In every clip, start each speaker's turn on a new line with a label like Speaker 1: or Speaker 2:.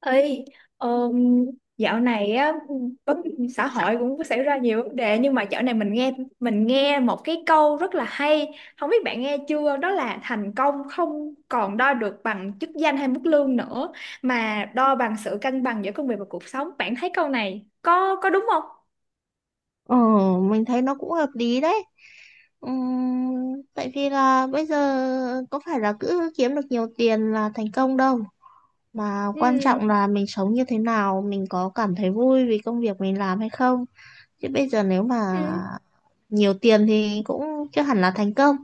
Speaker 1: Ê, ờm, dạo này á, vấn xã hội cũng có xảy ra nhiều vấn đề. Nhưng mà dạo này mình nghe một cái câu rất là hay, không biết bạn nghe chưa? Đó là thành công không còn đo được bằng chức danh hay mức lương nữa, mà đo bằng sự cân bằng giữa công việc và cuộc sống. Bạn thấy câu này có đúng không?
Speaker 2: Ờ, mình thấy nó cũng hợp lý đấy. Tại vì là bây giờ có phải là cứ kiếm được nhiều tiền là thành công đâu. Mà
Speaker 1: Ừ,
Speaker 2: quan trọng là mình sống như thế nào, mình có cảm thấy vui vì công việc mình làm hay không. Chứ bây giờ nếu mà
Speaker 1: ừ,
Speaker 2: nhiều tiền thì cũng chưa hẳn là thành công.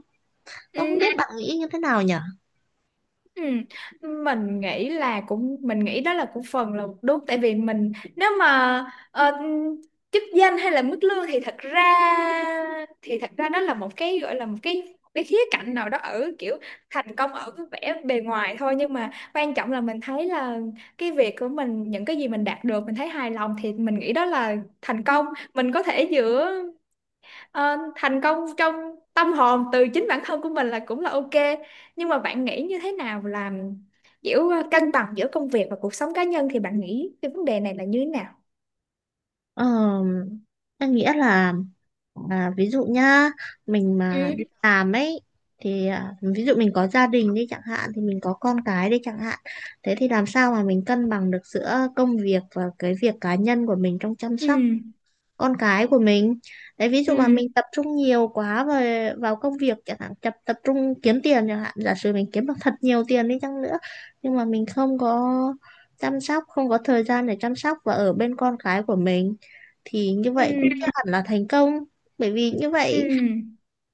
Speaker 1: ừ.
Speaker 2: Nó không biết bạn nghĩ như thế nào nhỉ?
Speaker 1: Ừ. Mình nghĩ đó là cũng phần là đúng. Tại vì mình, nếu mà ờ, chức danh hay là mức lương, thì thật ra đó là một cái, gọi là một cái khía cạnh nào đó, ở kiểu thành công ở cái vẻ bề ngoài thôi. Nhưng mà quan trọng là mình thấy là cái việc của mình, những cái gì mình đạt được mình thấy hài lòng, thì mình nghĩ đó là thành công. Mình có thể giữa thành công trong tâm hồn từ chính bản thân của mình là cũng là ok. Nhưng mà bạn nghĩ như thế nào là kiểu cân bằng giữa công việc và cuộc sống cá nhân, thì bạn nghĩ cái vấn đề này là như thế nào?
Speaker 2: Ờ, em nghĩ là ví dụ nhá, mình mà
Speaker 1: Ừ,
Speaker 2: đi làm ấy thì ví dụ mình có gia đình đi chẳng hạn thì mình có con cái đi chẳng hạn. Thế thì làm sao mà mình cân bằng được giữa công việc và cái việc cá nhân của mình trong chăm
Speaker 1: ừ,
Speaker 2: sóc con cái của mình. Đấy ví dụ mà
Speaker 1: ừ,
Speaker 2: mình tập trung nhiều quá về vào công việc chẳng hạn, tập tập trung kiếm tiền chẳng hạn, giả sử mình kiếm được thật nhiều tiền đi chăng nữa nhưng mà mình không có chăm sóc, không có thời gian để chăm sóc và ở bên con cái của mình thì như vậy cũng
Speaker 1: ừ,
Speaker 2: chưa hẳn là thành công, bởi vì như
Speaker 1: ừ,
Speaker 2: vậy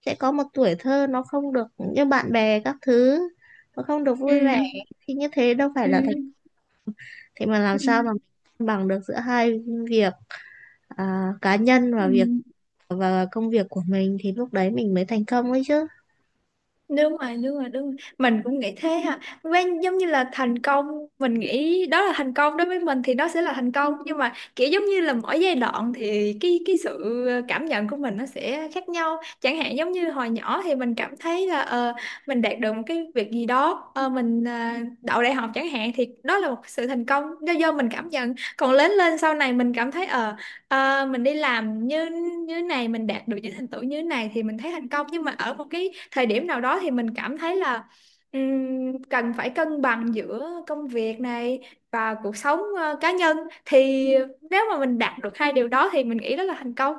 Speaker 2: sẽ có một tuổi thơ nó không được như bạn bè các thứ, nó không được
Speaker 1: ừ,
Speaker 2: vui vẻ thì như thế đâu phải
Speaker 1: ừ,
Speaker 2: là thành, thế mà làm
Speaker 1: ừ,
Speaker 2: sao mà mình cân bằng được giữa hai việc, cá nhân
Speaker 1: ừ.
Speaker 2: và việc và công việc của mình thì lúc đấy mình mới thành công ấy chứ.
Speaker 1: Đúng rồi, đúng rồi, đúng rồi. Mình cũng nghĩ thế ha, quen giống như là thành công, mình nghĩ đó là thành công đối với mình thì nó sẽ là thành công. Nhưng mà kiểu giống như là mỗi giai đoạn thì cái sự cảm nhận của mình nó sẽ khác nhau. Chẳng hạn giống như hồi nhỏ thì mình cảm thấy là mình đạt được một cái việc gì đó, mình đậu đại học chẳng hạn, thì đó là một sự thành công do mình cảm nhận. Còn lớn lên sau này mình cảm thấy mình đi làm như như này, mình đạt được những thành tựu như này thì mình thấy thành công. Nhưng mà ở một cái thời điểm nào đó thì mình cảm thấy là cần phải cân bằng giữa công việc này và cuộc sống cá nhân, thì nếu mà mình đạt được hai điều đó thì mình nghĩ đó là thành công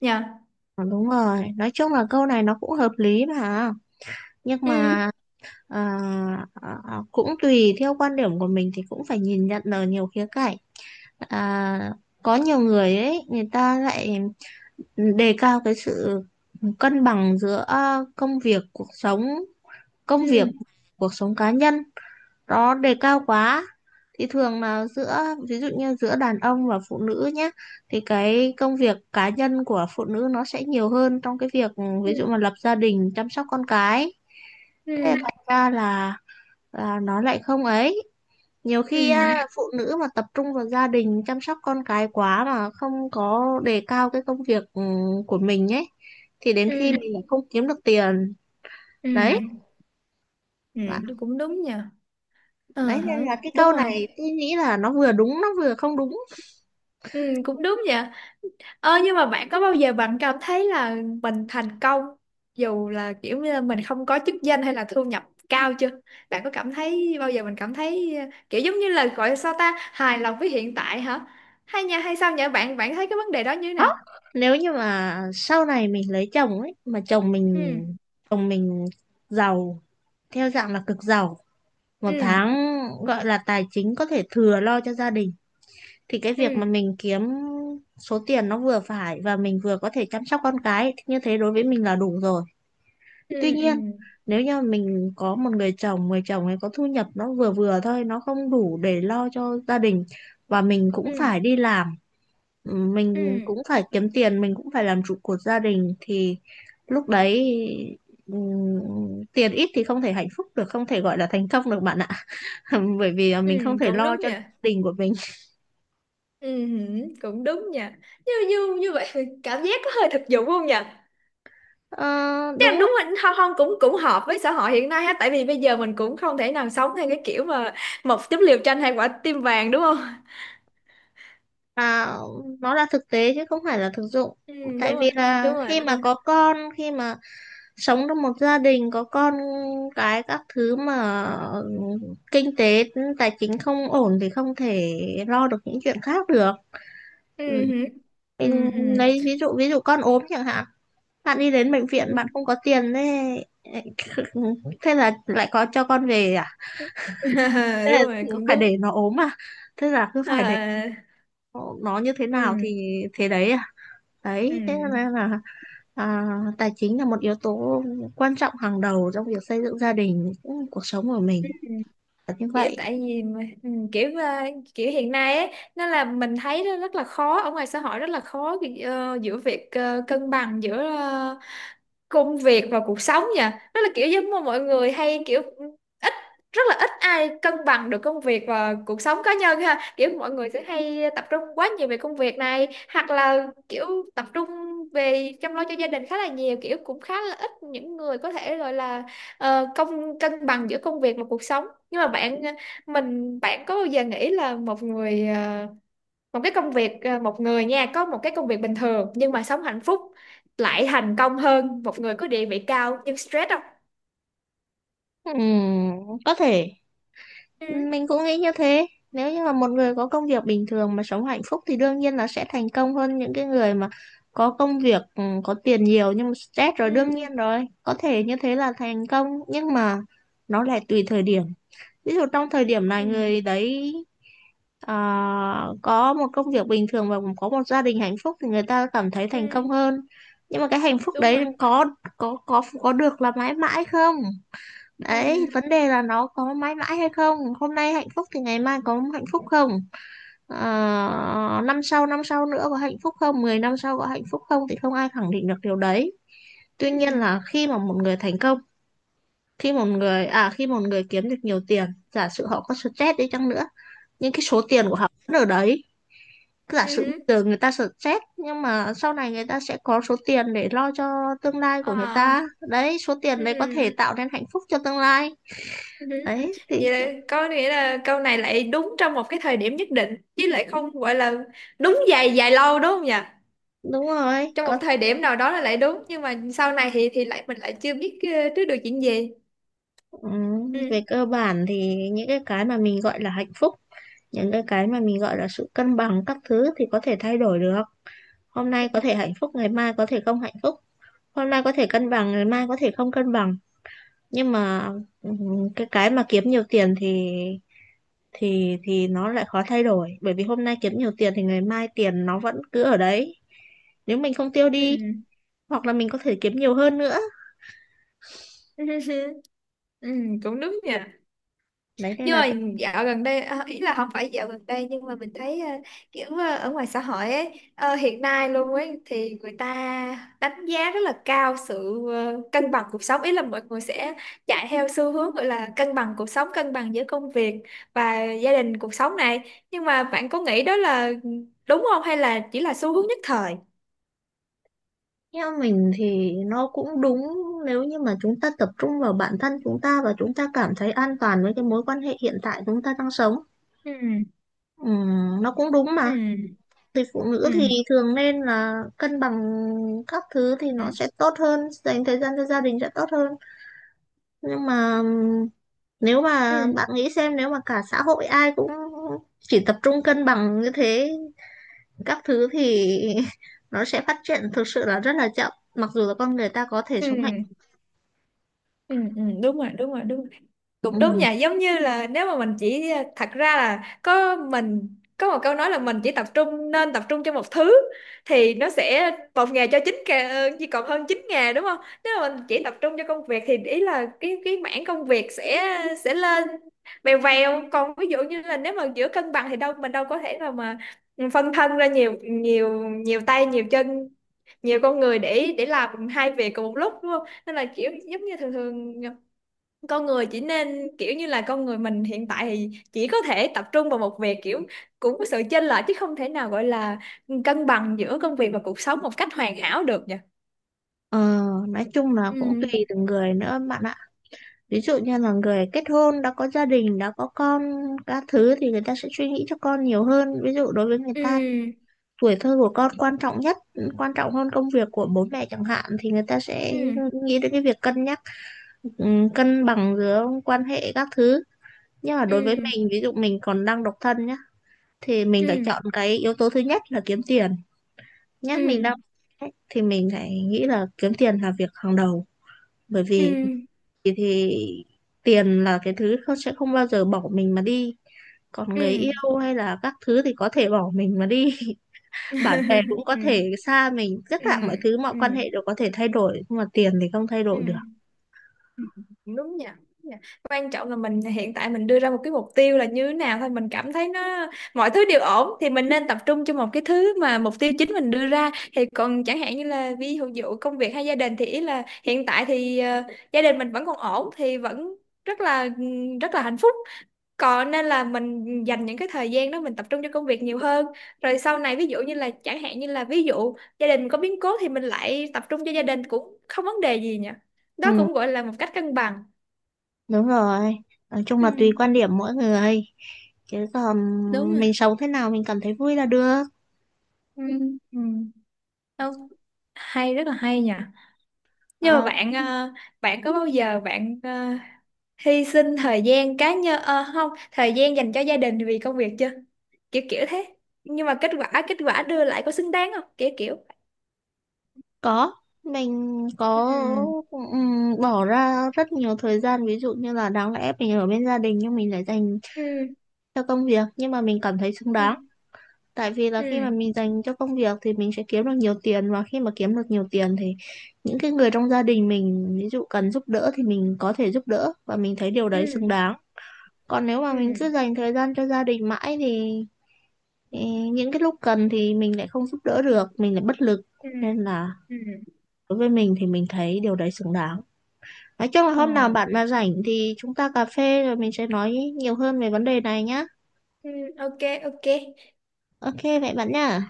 Speaker 1: nha.
Speaker 2: Ờ, đúng rồi, nói chung là câu này nó cũng hợp lý mà, nhưng
Speaker 1: Ừ,
Speaker 2: mà à, cũng tùy theo quan điểm của mình thì cũng phải nhìn nhận ở nhiều khía cạnh. à, có nhiều người ấy người ta lại đề cao cái sự cân bằng giữa công việc cuộc sống, công
Speaker 1: ừ,
Speaker 2: việc cuộc sống cá nhân, nó đề cao quá thì thường là giữa, ví dụ như giữa đàn ông và phụ nữ nhé, thì cái công việc cá nhân của phụ nữ nó sẽ nhiều hơn trong cái việc ví
Speaker 1: ừ,
Speaker 2: dụ mà lập gia đình chăm sóc con cái. Thế
Speaker 1: ừ,
Speaker 2: thành ra là nó lại không ấy, nhiều khi
Speaker 1: ừ,
Speaker 2: á, phụ nữ mà tập trung vào gia đình chăm sóc con cái quá mà không có đề cao cái công việc của mình ấy, thì đến khi mình
Speaker 1: ừ,
Speaker 2: lại không kiếm được tiền đấy.
Speaker 1: ừ, ừ,
Speaker 2: Và
Speaker 1: cũng đúng nha. Ờ
Speaker 2: đấy
Speaker 1: hả.
Speaker 2: nên là cái
Speaker 1: Đúng
Speaker 2: câu
Speaker 1: rồi.
Speaker 2: này tôi nghĩ là nó vừa đúng nó vừa không đúng.
Speaker 1: Ừ, cũng đúng nhỉ. Ờ, nhưng mà bạn có bao giờ bạn cảm thấy là mình thành công, dù là kiểu như là mình không có chức danh hay là thu nhập cao chưa? Bạn có cảm thấy bao giờ mình cảm thấy kiểu giống như là gọi là sao ta, hài lòng với hiện tại hả? Hay nha, hay sao nhỉ? Bạn bạn thấy cái vấn đề đó như thế nào?
Speaker 2: Đó, nếu như mà sau này mình lấy chồng ấy mà chồng mình
Speaker 1: Ừ,
Speaker 2: chồng mình giàu, theo dạng là cực giàu, một
Speaker 1: ừ,
Speaker 2: tháng gọi là tài chính có thể thừa lo cho gia đình, thì cái việc
Speaker 1: ừ,
Speaker 2: mà mình kiếm số tiền nó vừa phải và mình vừa có thể chăm sóc con cái thì như thế đối với mình là đủ rồi.
Speaker 1: ừ,
Speaker 2: Tuy
Speaker 1: ừ,
Speaker 2: nhiên, nếu như mình có một người chồng ấy có thu nhập nó vừa vừa thôi, nó không đủ để lo cho gia đình và mình cũng
Speaker 1: ừ,
Speaker 2: phải đi làm, mình
Speaker 1: ừ,
Speaker 2: cũng phải kiếm tiền, mình cũng phải làm trụ cột gia đình thì lúc đấy ừm, tiền ít thì không thể hạnh phúc được, không thể gọi là thành công được bạn ạ. Bởi vì
Speaker 1: ừ,
Speaker 2: mình không thể
Speaker 1: cũng
Speaker 2: lo
Speaker 1: đúng
Speaker 2: cho gia
Speaker 1: nha.
Speaker 2: đình của mình.
Speaker 1: Ừ, hử, cũng đúng nha. Như như như vậy thì cảm giác có hơi thực dụng không nhỉ?
Speaker 2: Ờ,
Speaker 1: Chắc
Speaker 2: đúng,
Speaker 1: đúng rồi, không, không, cũng cũng hợp với xã hội hiện nay ha, tại vì bây giờ mình cũng không thể nào sống theo cái kiểu mà một chút liều tranh hai quả tim vàng đúng không?
Speaker 2: à, nó là thực tế chứ không phải là thực dụng,
Speaker 1: Ừ, đúng
Speaker 2: tại vì
Speaker 1: rồi, đúng
Speaker 2: là
Speaker 1: rồi,
Speaker 2: khi
Speaker 1: đúng
Speaker 2: mà
Speaker 1: rồi.
Speaker 2: có con, khi mà sống trong một gia đình có con cái các thứ mà kinh tế tài chính không ổn thì không thể lo được những chuyện khác được.
Speaker 1: Ừ,
Speaker 2: Ừ.
Speaker 1: hử. Ừ,
Speaker 2: Mình
Speaker 1: ừ.
Speaker 2: lấy ví dụ, ví dụ con ốm chẳng hạn, bạn đi đến bệnh
Speaker 1: Ừ.
Speaker 2: viện bạn không có tiền thế thế là lại có cho con về à, thế là
Speaker 1: Đúng rồi, cũng
Speaker 2: phải
Speaker 1: đúng.
Speaker 2: để nó ốm à, thế là cứ phải để
Speaker 1: À,
Speaker 2: nó như thế nào
Speaker 1: ừ,
Speaker 2: thì thế đấy à.
Speaker 1: ừ.
Speaker 2: Đấy, thế nên là à, tài chính là một yếu tố quan trọng hàng đầu trong việc xây dựng gia đình, cũng cuộc sống của mình là như
Speaker 1: Kiểu
Speaker 2: vậy.
Speaker 1: tại vì mà, ừ, kiểu kiểu hiện nay ấy, nó là mình thấy nó rất là khó, ở ngoài xã hội rất là khó giữa việc cân bằng giữa công việc và cuộc sống nha. Đó là kiểu giống mà mọi người hay kiểu ít, rất là ít ai cân bằng được công việc và cuộc sống cá nhân ha. Kiểu mọi người sẽ hay tập trung quá nhiều về công việc này, hoặc là kiểu tập trung về chăm lo cho gia đình khá là nhiều, kiểu cũng khá là ít những người có thể gọi là cân bằng giữa công việc và cuộc sống. Nhưng mà bạn ờ, mình bạn có bao giờ nghĩ là một người, một cái công việc, một người nha, có một cái công việc bình thường nhưng mà sống hạnh phúc lại thành công hơn một người có địa vị cao nhưng stress không?
Speaker 2: Ừm, có thể
Speaker 1: Ừ,
Speaker 2: mình cũng nghĩ như thế. Nếu như mà một người có công việc bình thường mà sống hạnh phúc thì đương nhiên là sẽ thành công hơn những cái người mà có công việc có tiền nhiều nhưng mà stress rồi,
Speaker 1: ừ,
Speaker 2: đương nhiên rồi. Có thể như thế là thành công nhưng mà nó lại tùy thời điểm. Ví dụ trong thời điểm
Speaker 1: ừ,
Speaker 2: này người đấy Ờ, có một công việc bình thường và có một gia đình hạnh phúc thì người ta cảm thấy thành công
Speaker 1: ừ,
Speaker 2: hơn, nhưng mà cái hạnh phúc
Speaker 1: đúng
Speaker 2: đấy
Speaker 1: rồi.
Speaker 2: có có được là mãi mãi không, đấy
Speaker 1: Ừ,
Speaker 2: vấn đề là nó có mãi mãi hay không, hôm nay hạnh phúc thì ngày mai có hạnh phúc không, Ờ, năm sau nữa có hạnh phúc không, 10 năm sau có hạnh phúc không thì không ai khẳng định được điều đấy. Tuy nhiên
Speaker 1: ừ,
Speaker 2: là khi mà một người thành công, khi một người khi một người kiếm được nhiều tiền, giả sử họ có stress đi chăng nữa nhưng cái số
Speaker 1: ừ,
Speaker 2: tiền của họ vẫn ở đấy, giả
Speaker 1: ừ,
Speaker 2: sử
Speaker 1: ừ.
Speaker 2: giờ người ta stress nhưng mà sau này người ta sẽ có số tiền để lo cho tương lai
Speaker 1: Ờ.
Speaker 2: của người ta, đấy số tiền đấy có thể
Speaker 1: Ừ,
Speaker 2: tạo nên hạnh phúc cho tương lai,
Speaker 1: ừ,
Speaker 2: đấy thì
Speaker 1: vậy là có nghĩa là câu này lại đúng trong một cái thời điểm nhất định, chứ lại không gọi là đúng dài dài lâu đúng không nhỉ?
Speaker 2: đúng rồi,
Speaker 1: Trong
Speaker 2: có
Speaker 1: một thời điểm nào đó là lại đúng, nhưng mà sau này thì lại mình lại chưa biết trước được chuyện gì.
Speaker 2: ừ,
Speaker 1: Ừ,
Speaker 2: về cơ bản thì những cái mà mình gọi là hạnh phúc, những cái mà mình gọi là sự cân bằng các thứ thì có thể thay đổi được, hôm nay có thể hạnh phúc ngày mai có thể không hạnh phúc, hôm nay có thể cân bằng ngày mai có thể không cân bằng, nhưng mà ừ, cái mà kiếm nhiều tiền thì thì nó lại khó thay đổi, bởi vì hôm nay kiếm nhiều tiền thì ngày mai tiền nó vẫn cứ ở đấy nếu mình không tiêu
Speaker 1: ừ.
Speaker 2: đi, hoặc là mình có thể kiếm nhiều hơn nữa.
Speaker 1: Ừ, cũng đúng nha.
Speaker 2: Đấy nên
Speaker 1: Nhưng
Speaker 2: là
Speaker 1: mà dạo gần đây, à, ý là không phải dạo gần đây, nhưng mà mình thấy kiểu ở ngoài xã hội ấy, hiện nay luôn ấy, thì người ta đánh giá rất là cao sự cân bằng cuộc sống, ý là mọi người sẽ chạy theo xu hướng gọi là cân bằng cuộc sống, cân bằng giữa công việc và gia đình cuộc sống này. Nhưng mà bạn có nghĩ đó là đúng không, hay là chỉ là xu hướng nhất thời?
Speaker 2: theo mình thì nó cũng đúng, nếu như mà chúng ta tập trung vào bản thân chúng ta và chúng ta cảm thấy an toàn với cái mối quan hệ hiện tại chúng ta đang sống.
Speaker 1: Ừ,
Speaker 2: Nó cũng đúng mà,
Speaker 1: ừ,
Speaker 2: thì phụ nữ
Speaker 1: ừ,
Speaker 2: thì thường nên là cân bằng các thứ thì
Speaker 1: ừ,
Speaker 2: nó sẽ tốt hơn, dành thời gian cho gia đình sẽ tốt hơn, nhưng mà nếu mà
Speaker 1: ừ,
Speaker 2: bạn nghĩ xem nếu mà cả xã hội ai cũng chỉ tập trung cân bằng như thế các thứ thì nó sẽ phát triển thực sự là rất là chậm, mặc dù là con người ta có thể sống hạnh phúc.
Speaker 1: ừ, ừ. Ừ. Đúng rồi, đúng rồi, đúng rồi. Cũng đúng
Speaker 2: Ừ.
Speaker 1: nha, giống như là nếu mà mình chỉ, thật ra là có mình có một câu nói là mình chỉ tập trung, nên tập trung cho một thứ, thì nó sẽ một ngày cho chín ngà chỉ còn hơn 9 ngày đúng không? Nếu mà mình chỉ tập trung cho công việc thì ý là cái mảng công việc sẽ lên vèo vèo. Còn ví dụ như là nếu mà giữa cân bằng thì đâu, mình đâu có thể nào mà, ừ, phân thân ra nhiều nhiều nhiều tay nhiều chân, nhiều con người để làm hai việc cùng một lúc đúng không? Nên là kiểu giống như thường thường con người chỉ nên, kiểu như là con người mình hiện tại thì chỉ có thể tập trung vào một việc, kiểu cũng có sự chênh lệch chứ không thể nào gọi là cân bằng giữa công việc và cuộc sống một cách hoàn hảo được nhỉ?
Speaker 2: ờ, nói chung là
Speaker 1: Ừ,
Speaker 2: cũng tùy từng người nữa bạn ạ, ví dụ như là người kết hôn đã có gia đình đã có con các thứ thì người ta sẽ suy nghĩ cho con nhiều hơn, ví dụ đối với người ta thì
Speaker 1: ừ,
Speaker 2: tuổi thơ của con quan trọng nhất, quan trọng hơn công việc của bố mẹ chẳng hạn, thì người ta sẽ
Speaker 1: ừ,
Speaker 2: nghĩ đến cái việc cân nhắc ừ, cân bằng giữa quan hệ các thứ. Nhưng mà đối với
Speaker 1: ừ,
Speaker 2: mình, ví dụ mình còn đang độc thân nhá, thì mình phải
Speaker 1: ừ,
Speaker 2: chọn cái yếu tố thứ nhất là kiếm tiền nhá, mình
Speaker 1: ừ,
Speaker 2: đang ấy, thì mình phải nghĩ là kiếm tiền là việc hàng đầu, bởi
Speaker 1: ừ,
Speaker 2: vì thì tiền là cái thứ không sẽ không bao giờ bỏ mình mà đi, còn người
Speaker 1: ừ.
Speaker 2: yêu hay là các thứ thì có thể bỏ mình mà đi bạn bè cũng có
Speaker 1: Ừ,
Speaker 2: thể xa mình, tất
Speaker 1: ừ,
Speaker 2: cả mọi thứ mọi
Speaker 1: ừ,
Speaker 2: quan hệ đều có thể thay đổi nhưng mà tiền thì không thay
Speaker 1: ừ,
Speaker 2: đổi được.
Speaker 1: đúng nha. Đúng nha. Quan trọng là mình hiện tại mình đưa ra một cái mục tiêu là như thế nào thôi, mình cảm thấy nó, mọi thứ đều ổn thì mình nên tập trung cho một cái thứ mà mục tiêu chính mình đưa ra. Thì còn chẳng hạn như là ví dụ dụ công việc hay gia đình, thì ý là hiện tại thì gia đình mình vẫn còn ổn thì vẫn rất là rất là hạnh phúc. Còn nên là mình dành những cái thời gian đó mình tập trung cho công việc nhiều hơn. Rồi sau này ví dụ như là chẳng hạn như là ví dụ gia đình có biến cố thì mình lại tập trung cho gia đình cũng không vấn đề gì nhỉ.
Speaker 2: Ừ,
Speaker 1: Đó cũng gọi là một cách cân bằng.
Speaker 2: đúng rồi, nói chung
Speaker 1: Ừ,
Speaker 2: là tùy quan điểm mỗi người, chứ còn
Speaker 1: đúng rồi.
Speaker 2: mình sống thế nào mình cảm thấy vui là được.
Speaker 1: Ừ. Ừ. Đâu, hay rất là hay nhỉ. Nhưng mà
Speaker 2: Ờ,
Speaker 1: bạn bạn có bao giờ bạn hy sinh thời gian cá nhân, không, thời gian dành cho gia đình vì công việc chưa? Kiểu kiểu thế. Nhưng mà kết quả đưa lại có xứng đáng không? Kiểu kiểu.
Speaker 2: có, mình có
Speaker 1: Ừ.
Speaker 2: bỏ ra rất nhiều thời gian ví dụ như là đáng lẽ mình ở bên gia đình nhưng mình lại dành
Speaker 1: Ừ.
Speaker 2: cho công việc, nhưng mà mình cảm thấy xứng
Speaker 1: Ừ.
Speaker 2: đáng, tại vì là khi
Speaker 1: Ừ,
Speaker 2: mà mình dành cho công việc thì mình sẽ kiếm được nhiều tiền, và khi mà kiếm được nhiều tiền thì những cái người trong gia đình mình ví dụ cần giúp đỡ thì mình có thể giúp đỡ và mình thấy điều đấy
Speaker 1: ừ,
Speaker 2: xứng đáng. Còn nếu mà
Speaker 1: ừ,
Speaker 2: mình cứ dành thời gian cho gia đình mãi thì Ê, những cái lúc cần thì mình lại không giúp đỡ được, mình lại bất lực,
Speaker 1: ừ,
Speaker 2: nên là
Speaker 1: ừ.
Speaker 2: đối với mình thì mình thấy điều đấy xứng đáng. Nói chung là
Speaker 1: Ờ.
Speaker 2: hôm nào bạn mà rảnh thì chúng ta cà phê rồi mình sẽ nói nhiều hơn về vấn đề này nhá.
Speaker 1: Ừ, ok. Ok.
Speaker 2: Ok vậy bạn nhá.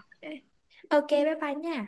Speaker 1: Ờ, ok, bye bye nha.